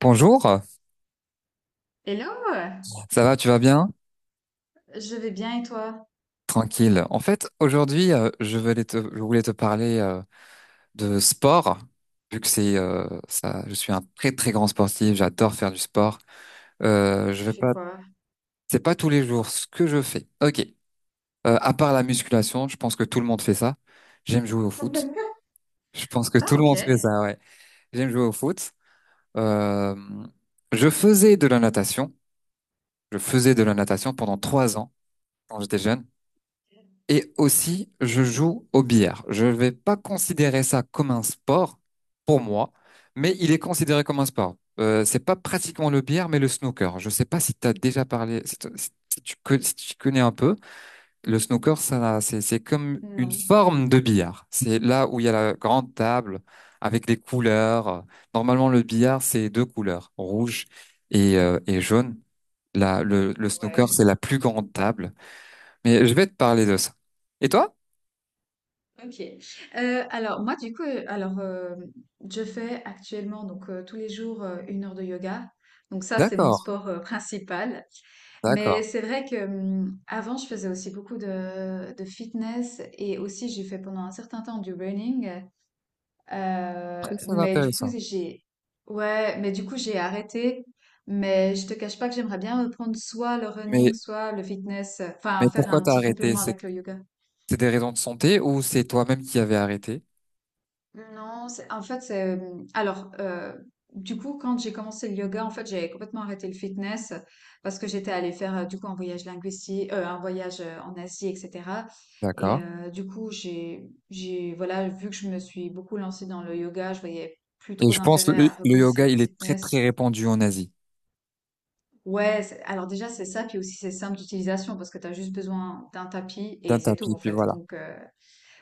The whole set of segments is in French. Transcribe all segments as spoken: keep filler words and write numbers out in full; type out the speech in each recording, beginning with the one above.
Bonjour, Hello! ça va, tu vas bien? Je vais bien et toi? Tranquille. En fait, aujourd'hui, euh, je voulais te, je voulais te parler euh, de sport, vu que c'est euh, ça, je suis un très très grand sportif, j'adore faire du sport. Euh, je Tu vais fais pas, quoi? c'est pas tous les jours ce que je fais. Ok. Euh, à part la musculation, je pense que tout le monde fait ça. J'aime jouer au foot. Je pense que Ah, tout le ok. monde fait ça, ouais. J'aime jouer au foot. Euh, je faisais de la natation. Je faisais de la natation pendant trois ans quand j'étais jeune. Et aussi, je joue au billard. Je ne vais pas considérer ça comme un sport pour moi, mais il est considéré comme un sport. Euh, c'est pas pratiquement le billard, mais le snooker. Je ne sais pas si tu as déjà parlé, si, t- si si tu, co- si tu connais un peu. Le snooker, ça, c'est, c'est comme une Non. forme de billard. C'est là où il y a la grande table avec les couleurs. Normalement, le billard, c'est deux couleurs, rouge et, euh, et jaune. Là, le, le snooker, Ouais. c'est la plus grande table. Mais je vais te parler de ça. Et toi? Ok. Euh, alors, moi, du coup, euh, alors, euh, je fais actuellement, donc, euh, tous les jours, euh, une heure de yoga. Donc, ça, c'est mon D'accord, sport, euh, principal. d'accord. Mais c'est vrai que hum, avant, je faisais aussi beaucoup de, de fitness et aussi j'ai fait pendant un certain temps du running. Euh, Très, très Mais du coup, intéressant. j'ai, ouais, mais du coup, j'ai arrêté. Mais je te cache pas que j'aimerais bien reprendre soit le Mais, running, soit le fitness. euh, Enfin, mais faire pourquoi un t'as petit arrêté? complément C'est avec le yoga. c'est des raisons de santé ou c'est toi-même qui avais arrêté? Non, c'est- en fait, c'est, euh, alors, euh, du coup, quand j'ai commencé le yoga, en fait, j'ai complètement arrêté le fitness parce que j'étais allée faire, euh, du coup, un voyage linguistique, euh, un voyage euh, en Asie, et cetera. Et D'accord. euh, du coup, j'ai, j'ai, voilà, vu que je me suis beaucoup lancée dans le yoga, je voyais plus Et trop je pense le, d'intérêt le à recommencer yoga, le il est très, très fitness. répandu en Asie. Ouais, c'est- alors déjà c'est ça, puis aussi c'est simple d'utilisation parce que tu as juste besoin d'un tapis D'un et c'est tout tapis, en puis fait. voilà. Donc euh,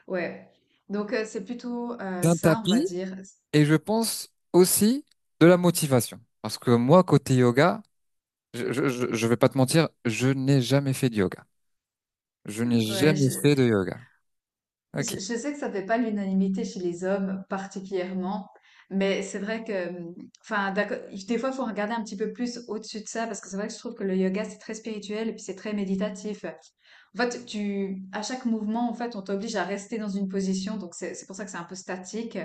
ouais, donc euh, c'est plutôt euh, D'un ça, on va tapis, dire. et je pense aussi de la motivation. Parce que moi, côté yoga, je, je, je je vais pas te mentir, je n'ai jamais fait de yoga. Je n'ai Ouais, jamais je, fait de yoga. je- Ok. je sais que ça fait pas l'unanimité chez les hommes particulièrement, mais c'est vrai que, hum, enfin d'accord, des fois il faut regarder un petit peu plus au-dessus de ça parce que c'est vrai que je trouve que le yoga c'est très spirituel et puis c'est très méditatif. En fait, tu, à chaque mouvement, en fait, on t'oblige à rester dans une position, donc c'est c'est pour ça que c'est un peu statique.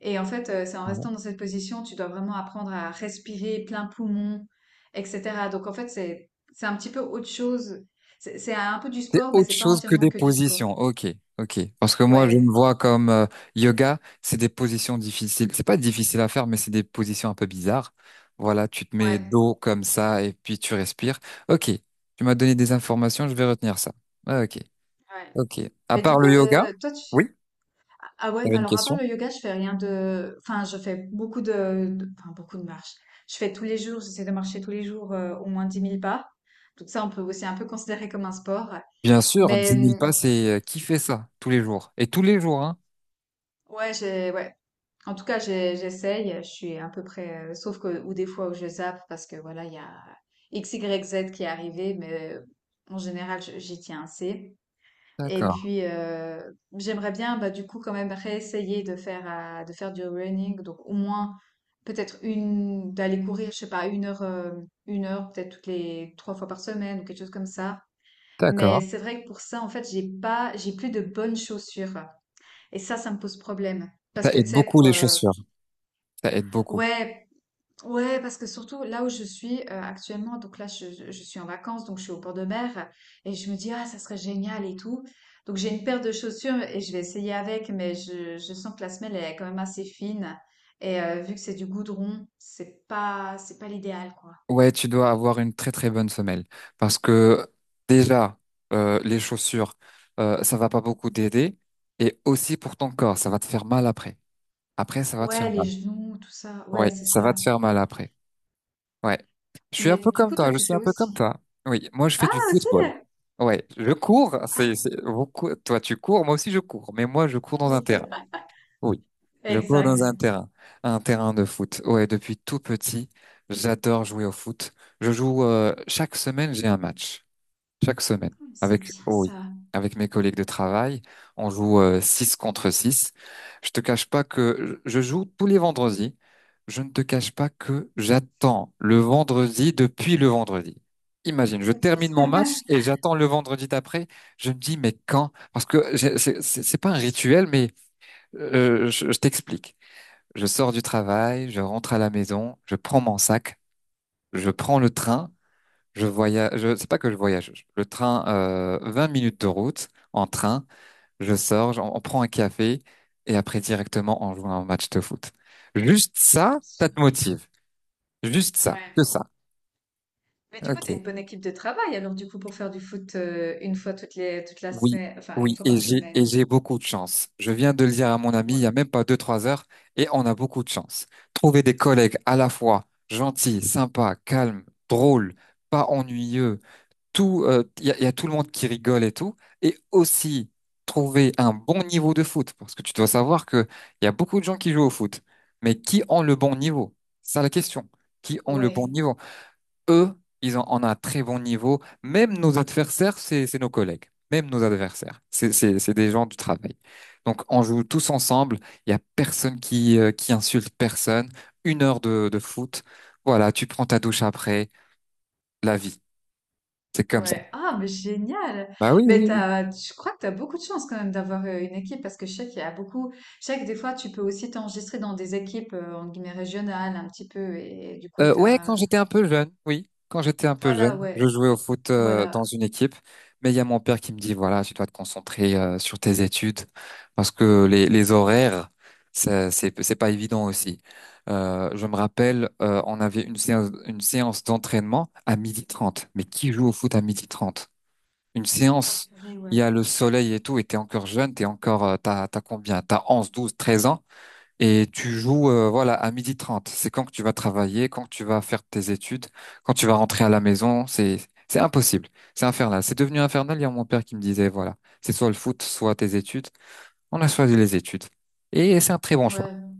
Et en fait, heu, c'est en restant dans cette position, tu dois vraiment apprendre à respirer plein poumon et cetera. Donc en fait, c'est c'est un petit peu autre chose. C'est c'est un peu du C'est sport, mais autre c'est pas chose que entièrement des que du sport. positions. Ok, ok. Parce que moi, je me Ouais, vois comme euh, yoga, c'est des positions difficiles. C'est pas difficile à faire, mais c'est des positions un peu bizarres. Voilà, tu te mets ouais, dos comme ça et puis tu respires. Ok, tu m'as donné des informations, je vais retenir ça. Ah, ok, ouais. ok. À Mais du part coup, le yoga, heu, toi tu oui, ah ah ouais, t'avais une alors à part question. le yoga, je fais rien de enfin, je fais beaucoup de de enfin beaucoup de marches. Je fais tous les jours, J'essaie de marcher tous les jours, heu, au moins dix mille pas. Donc ça, on peut aussi un peu considérer comme un sport. Bien sûr, Mais, dix mille pas, mmh, c'est euh, qui fait ça tous les jours? Et tous les jours, hein? ouais, j'ai ouais. En tout cas, j'ai- j'essaye, je suis à peu près, euh, sauf que, ou des fois où je zappe parce que voilà, il y a X, Y, Z qui est arrivé, mais euh, en général, je- j'y tiens assez. Et D'accord, puis, euh, j'aimerais bien, bah, du coup, quand même réessayer de faire, euh, de faire du running, donc au moins, peut-être une, d'aller courir, je sais pas, une heure, euh, une heure, peut-être toutes les trois fois par semaine ou quelque chose comme ça. d'accord. Mais c'est vrai que pour ça, en fait, j'ai pas, j'ai plus de bonnes chaussures. Et ça, ça me pose problème. Parce Ça que, aide tu sais, beaucoup pour, les euh, chaussures. Ça aide beaucoup. Ouais, Ouais, parce que surtout là où je suis euh, actuellement, donc là je, je- je suis en vacances, donc je suis au bord de mer et je me dis ah ça serait génial et tout. Donc j'ai une paire de chaussures et je vais essayer avec, mais je, je sens que la semelle elle est quand même assez fine et euh, vu que c'est du goudron, c'est pas c'est pas l'idéal quoi. Ouais, tu dois avoir une très très bonne semelle parce que déjà euh, les chaussures euh, ça va pas beaucoup t'aider et aussi pour ton corps ça va te faire mal après. Après ça va te Ouais, faire les mal. genoux, tout ça, ouais Ouais, c'est ça va ça. te faire mal après. Ouais. Je suis un peu Mais du comme coup toi toi, je tu suis fais un peu comme aussi. toi. Oui, moi je fais Ah du aussi. football. Ouais, je cours, c'est Ah c'est- vous cou- toi tu cours, moi aussi je cours, mais moi je cours dans un terrain. Oui, je cours dans un exact. terrain, un terrain de foot. Ouais, depuis tout petit, j'adore jouer au foot. Je joue euh, chaque semaine, j'ai un match. Chaque semaine, C'est avec bien oui, ça. avec mes collègues de travail, on joue euh, six contre six. Je te cache pas que je je joue tous les vendredis. Je ne te cache pas que j'attends le vendredi depuis le vendredi. Imagine, je termine mon match et j'attends le vendredi d'après. Je me dis, mais quand? Parce que j'ai- c'est c'est- c'est pas un rituel, mais euh, je je t'explique. Je sors du travail, je rentre à la maison, je prends mon sac, je prends le train, je voyage. Je, c'est pas que je voyage. je- Le train, euh, vingt minutes de route en train. Je sors, j'en- on prend un café et après directement on joue à un match de foot. Juste ça, ça te motive. Juste ça, que Ouais. ça. Mais du coup, tu as Ok. une bonne équipe de travail, alors du coup, pour faire du foot euh, une fois toutes les, toute la Oui, semaine, enfin, une oui, fois et par j'ai et semaine. j'ai beaucoup de chance. Je viens de le dire à mon ami il Ouais. y a même pas deux, trois heures, et on a beaucoup de chance. Trouver des collègues à la fois gentils, sympas, calmes, drôles, pas ennuyeux, tout, euh, il y a, il y a tout le monde qui rigole et tout, et aussi trouver un bon niveau de foot, parce que tu dois savoir que il y a beaucoup de gens qui jouent au foot, mais qui ont le bon niveau? C'est ça la question. Qui ont le bon Ouais, niveau? Eux, ils ont, on a un très bon niveau. Même nos adversaires, c'est, c'est nos collègues. Même nos adversaires, c'est, c'est, c'est des gens du travail. Donc, on joue tous ensemble. Il y a personne qui, euh, qui insulte personne. Une heure de, de foot. Voilà, tu prends ta douche après. La vie, c'est comme ça. ouais. Ah, mais génial! Bah oui, Mais oui. t'as, je crois que tu as beaucoup de chance quand même d'avoir euh, une équipe parce que je sais qu'il y a beaucoup. Je sais que des fois, tu peux aussi t'enregistrer dans des équipes, euh, en guillemets, régionales un petit peu et, du coup, Euh, ouais, quand t'as. j'étais un peu jeune, oui, quand j'étais un peu jeune, Voilà, je ouais. jouais au foot euh, dans Voilà. une équipe, mais il y a mon père qui me dit, voilà, tu dois te concentrer euh, sur tes études parce que les, les horaires, ça, c'est c'est pas évident aussi. Euh, je me rappelle, euh, on avait une séance une séance d'entraînement à midi trente. Mais qui joue au foot à midi trente? Une Ah, séance, purée, il y ouais. a le soleil et tout, et t'es encore jeune, t'es encore, euh, t'as t'as combien? T'as onze, douze, treize ans. Et tu joues euh, voilà à midi trente. C'est quand que tu vas travailler, quand tu vas faire tes études, quand tu vas rentrer à la maison, c'est c'est impossible. C'est infernal. C'est devenu infernal. Il y a mon père qui me disait voilà, c'est soit le foot, soit tes études. On a choisi les études. Et c'est un très bon choix. Ouais.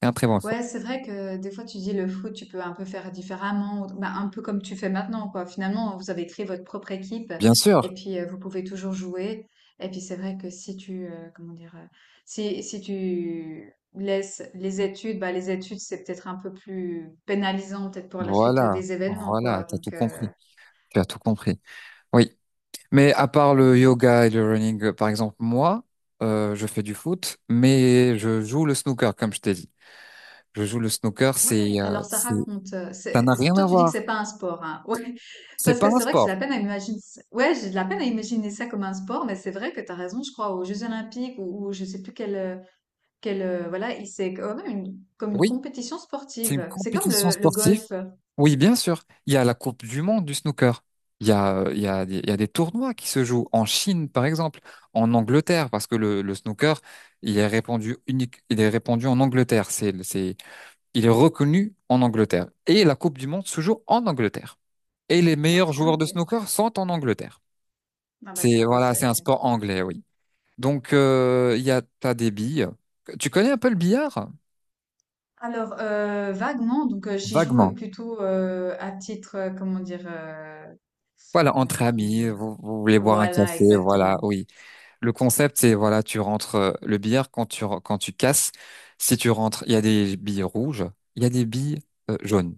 C'est un très bon choix. Ouais, c'est vrai que des fois tu dis le foot, tu peux un peu faire différemment, ou- bah, un peu comme tu fais maintenant, quoi. Finalement, vous avez créé votre propre équipe Bien sûr. et puis euh, vous pouvez toujours jouer. Et puis c'est vrai que si tu, euh, comment dire, euh, si, si tu laisses les études, bah, les études c'est peut-être un peu plus pénalisant peut-être pour la suite euh, Voilà. des événements, Voilà, quoi. t'as tout Donc, euh, compris. Tu as tout compris. Oui. Mais à part le yoga et le running, euh, par exemple, moi, euh, je fais du foot, mais je joue le snooker, comme je t'ai dit. Je joue le snooker, c'est Ouais, euh, alors ça c'est raconte. euh, Ça n'a c'est- c'est- rien Toi, à tu dis que c'est voir. pas un sport, hein. Ouais, C'est parce pas que un c'est vrai que j'ai sport. de la peine à imaginer. ça- Ouais, j'ai de la peine à imaginer ça comme un sport, mais c'est vrai que t'as raison. Je crois aux Jeux Olympiques ou, ou je sais plus quel, euh, quel, euh, voilà, il- c'est quand même une, comme une Oui, compétition c'est une sportive. C'est comme compétition le, le sportive. golf. Oui, bien sûr. Il y a la Coupe du Monde du snooker. Il y a, euh, il y a, des- il y a des tournois qui se jouent en Chine, par exemple, en Angleterre, parce que le, le snooker, il est répandu unique, il est répandu en Angleterre. C'est, c'est, il est reconnu en Angleterre. Et la Coupe du Monde se joue en Angleterre. Et les Ah meilleurs tiens, joueurs de ok. snooker sont en Angleterre. Ah bah C'est, tiens, ouais, Voilà, c'est un c'est. sport anglais, oui. Donc, euh, il y a, t'as des billes. Tu connais un peu le billard? Alors euh, vaguement, donc euh, j'y joue euh, Vaguement. plutôt euh, à titre, euh, comment dire, euh, Voilà, euh, entre comment amis, dire. vous, vous voulez euh, boire un Voilà, café, voilà, exactement. oui. Le concept, c'est, voilà, tu rentres euh, le billard quand tu, re- quand tu casses. Si tu rentres, il y a des billes rouges, il y a des billes euh, jaunes.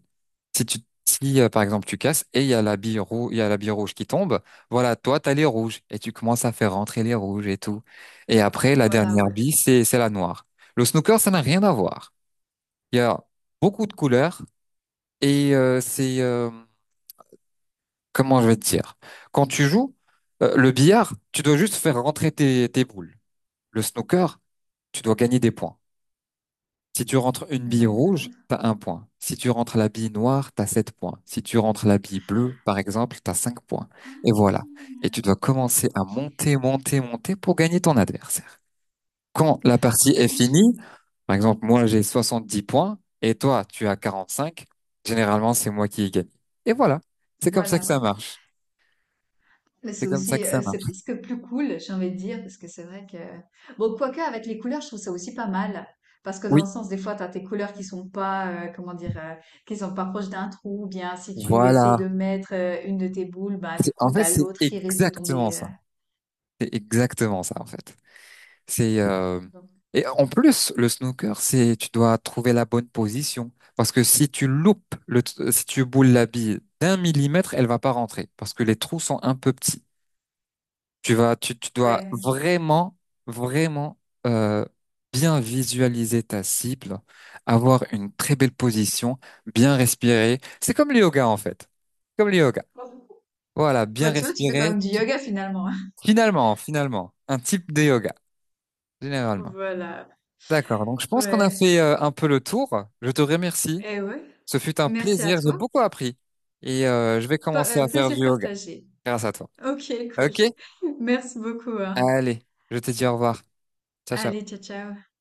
Si tu, si, euh, Par exemple, tu casses et il y a la bille rouge, il y a la bille rouge qui tombe, voilà, toi, t'as les rouges et tu commences à faire rentrer les rouges et tout. Et après, la Voilà, dernière ouais. bille, c'est, c'est la noire. Le snooker, ça n'a rien à voir. Il y a beaucoup de couleurs et euh, c'est, euh, comment je vais te dire? Quand tu joues, euh, le billard, tu dois juste faire rentrer tes, tes boules. Le snooker, tu dois gagner des points. Si tu rentres une bille rouge, D'accord. t'as un point. Si tu rentres la bille noire, t'as sept points. Si tu rentres la bille bleue, par exemple, t'as cinq points. Et voilà. Et tu dois commencer à monter, monter, monter pour gagner ton adversaire. Quand la partie est finie, par exemple, moi j'ai soixante-dix points et toi tu as quarante-cinq. Généralement c'est moi qui ai gagné. Et voilà. C'est comme ça Voilà, que ça ouais. marche. Mais C'est c'est comme ça aussi, que ça heu, c'est marche. presque plus cool, j'ai envie de dire, parce que c'est vrai que bon, quoique avec les couleurs, je trouve ça aussi pas mal. Parce que dans Oui, le sens, des fois, t'as tes couleurs qui sont pas, heu, comment dire? Heu, qui sont pas proches d'un trou ou bien si tu essayes voilà. de mettre, heu, une de tes boules, ben C'est- du coup, En fait, t'as c'est l'autre qui risque de exactement tomber, heu, ça. C'est exactement ça, en fait. C'est euh, donc Et en plus, le snooker, c'est tu dois trouver la bonne position parce que si tu loupes le, t- si tu boules la bille d'un millimètre, elle va pas rentrer parce que les trous sont un peu petits. Tu vas, tu, tu dois Ouais. vraiment, vraiment euh, bien visualiser ta cible, avoir une très belle position, bien respirer. C'est comme le yoga, en fait. Comme le yoga. Voilà, bien Bah, tu vois, tu fais quand respirer. même du yoga finalement, Finalement, finalement, un type de yoga, généralement. Voilà, D'accord, donc je pense qu'on a ouais fait euh, un peu le tour. Je te remercie. et ouais. Ce fut un Merci à plaisir, j'ai toi. beaucoup appris. Et euh, je vais Pe commencer heu, à faire plaisir du yoga partagé. grâce à toi. OK, cool. Ok? Merci beaucoup, hein. Allez, je te dis au revoir. Ciao, Allez, ciao. ciao, ciao.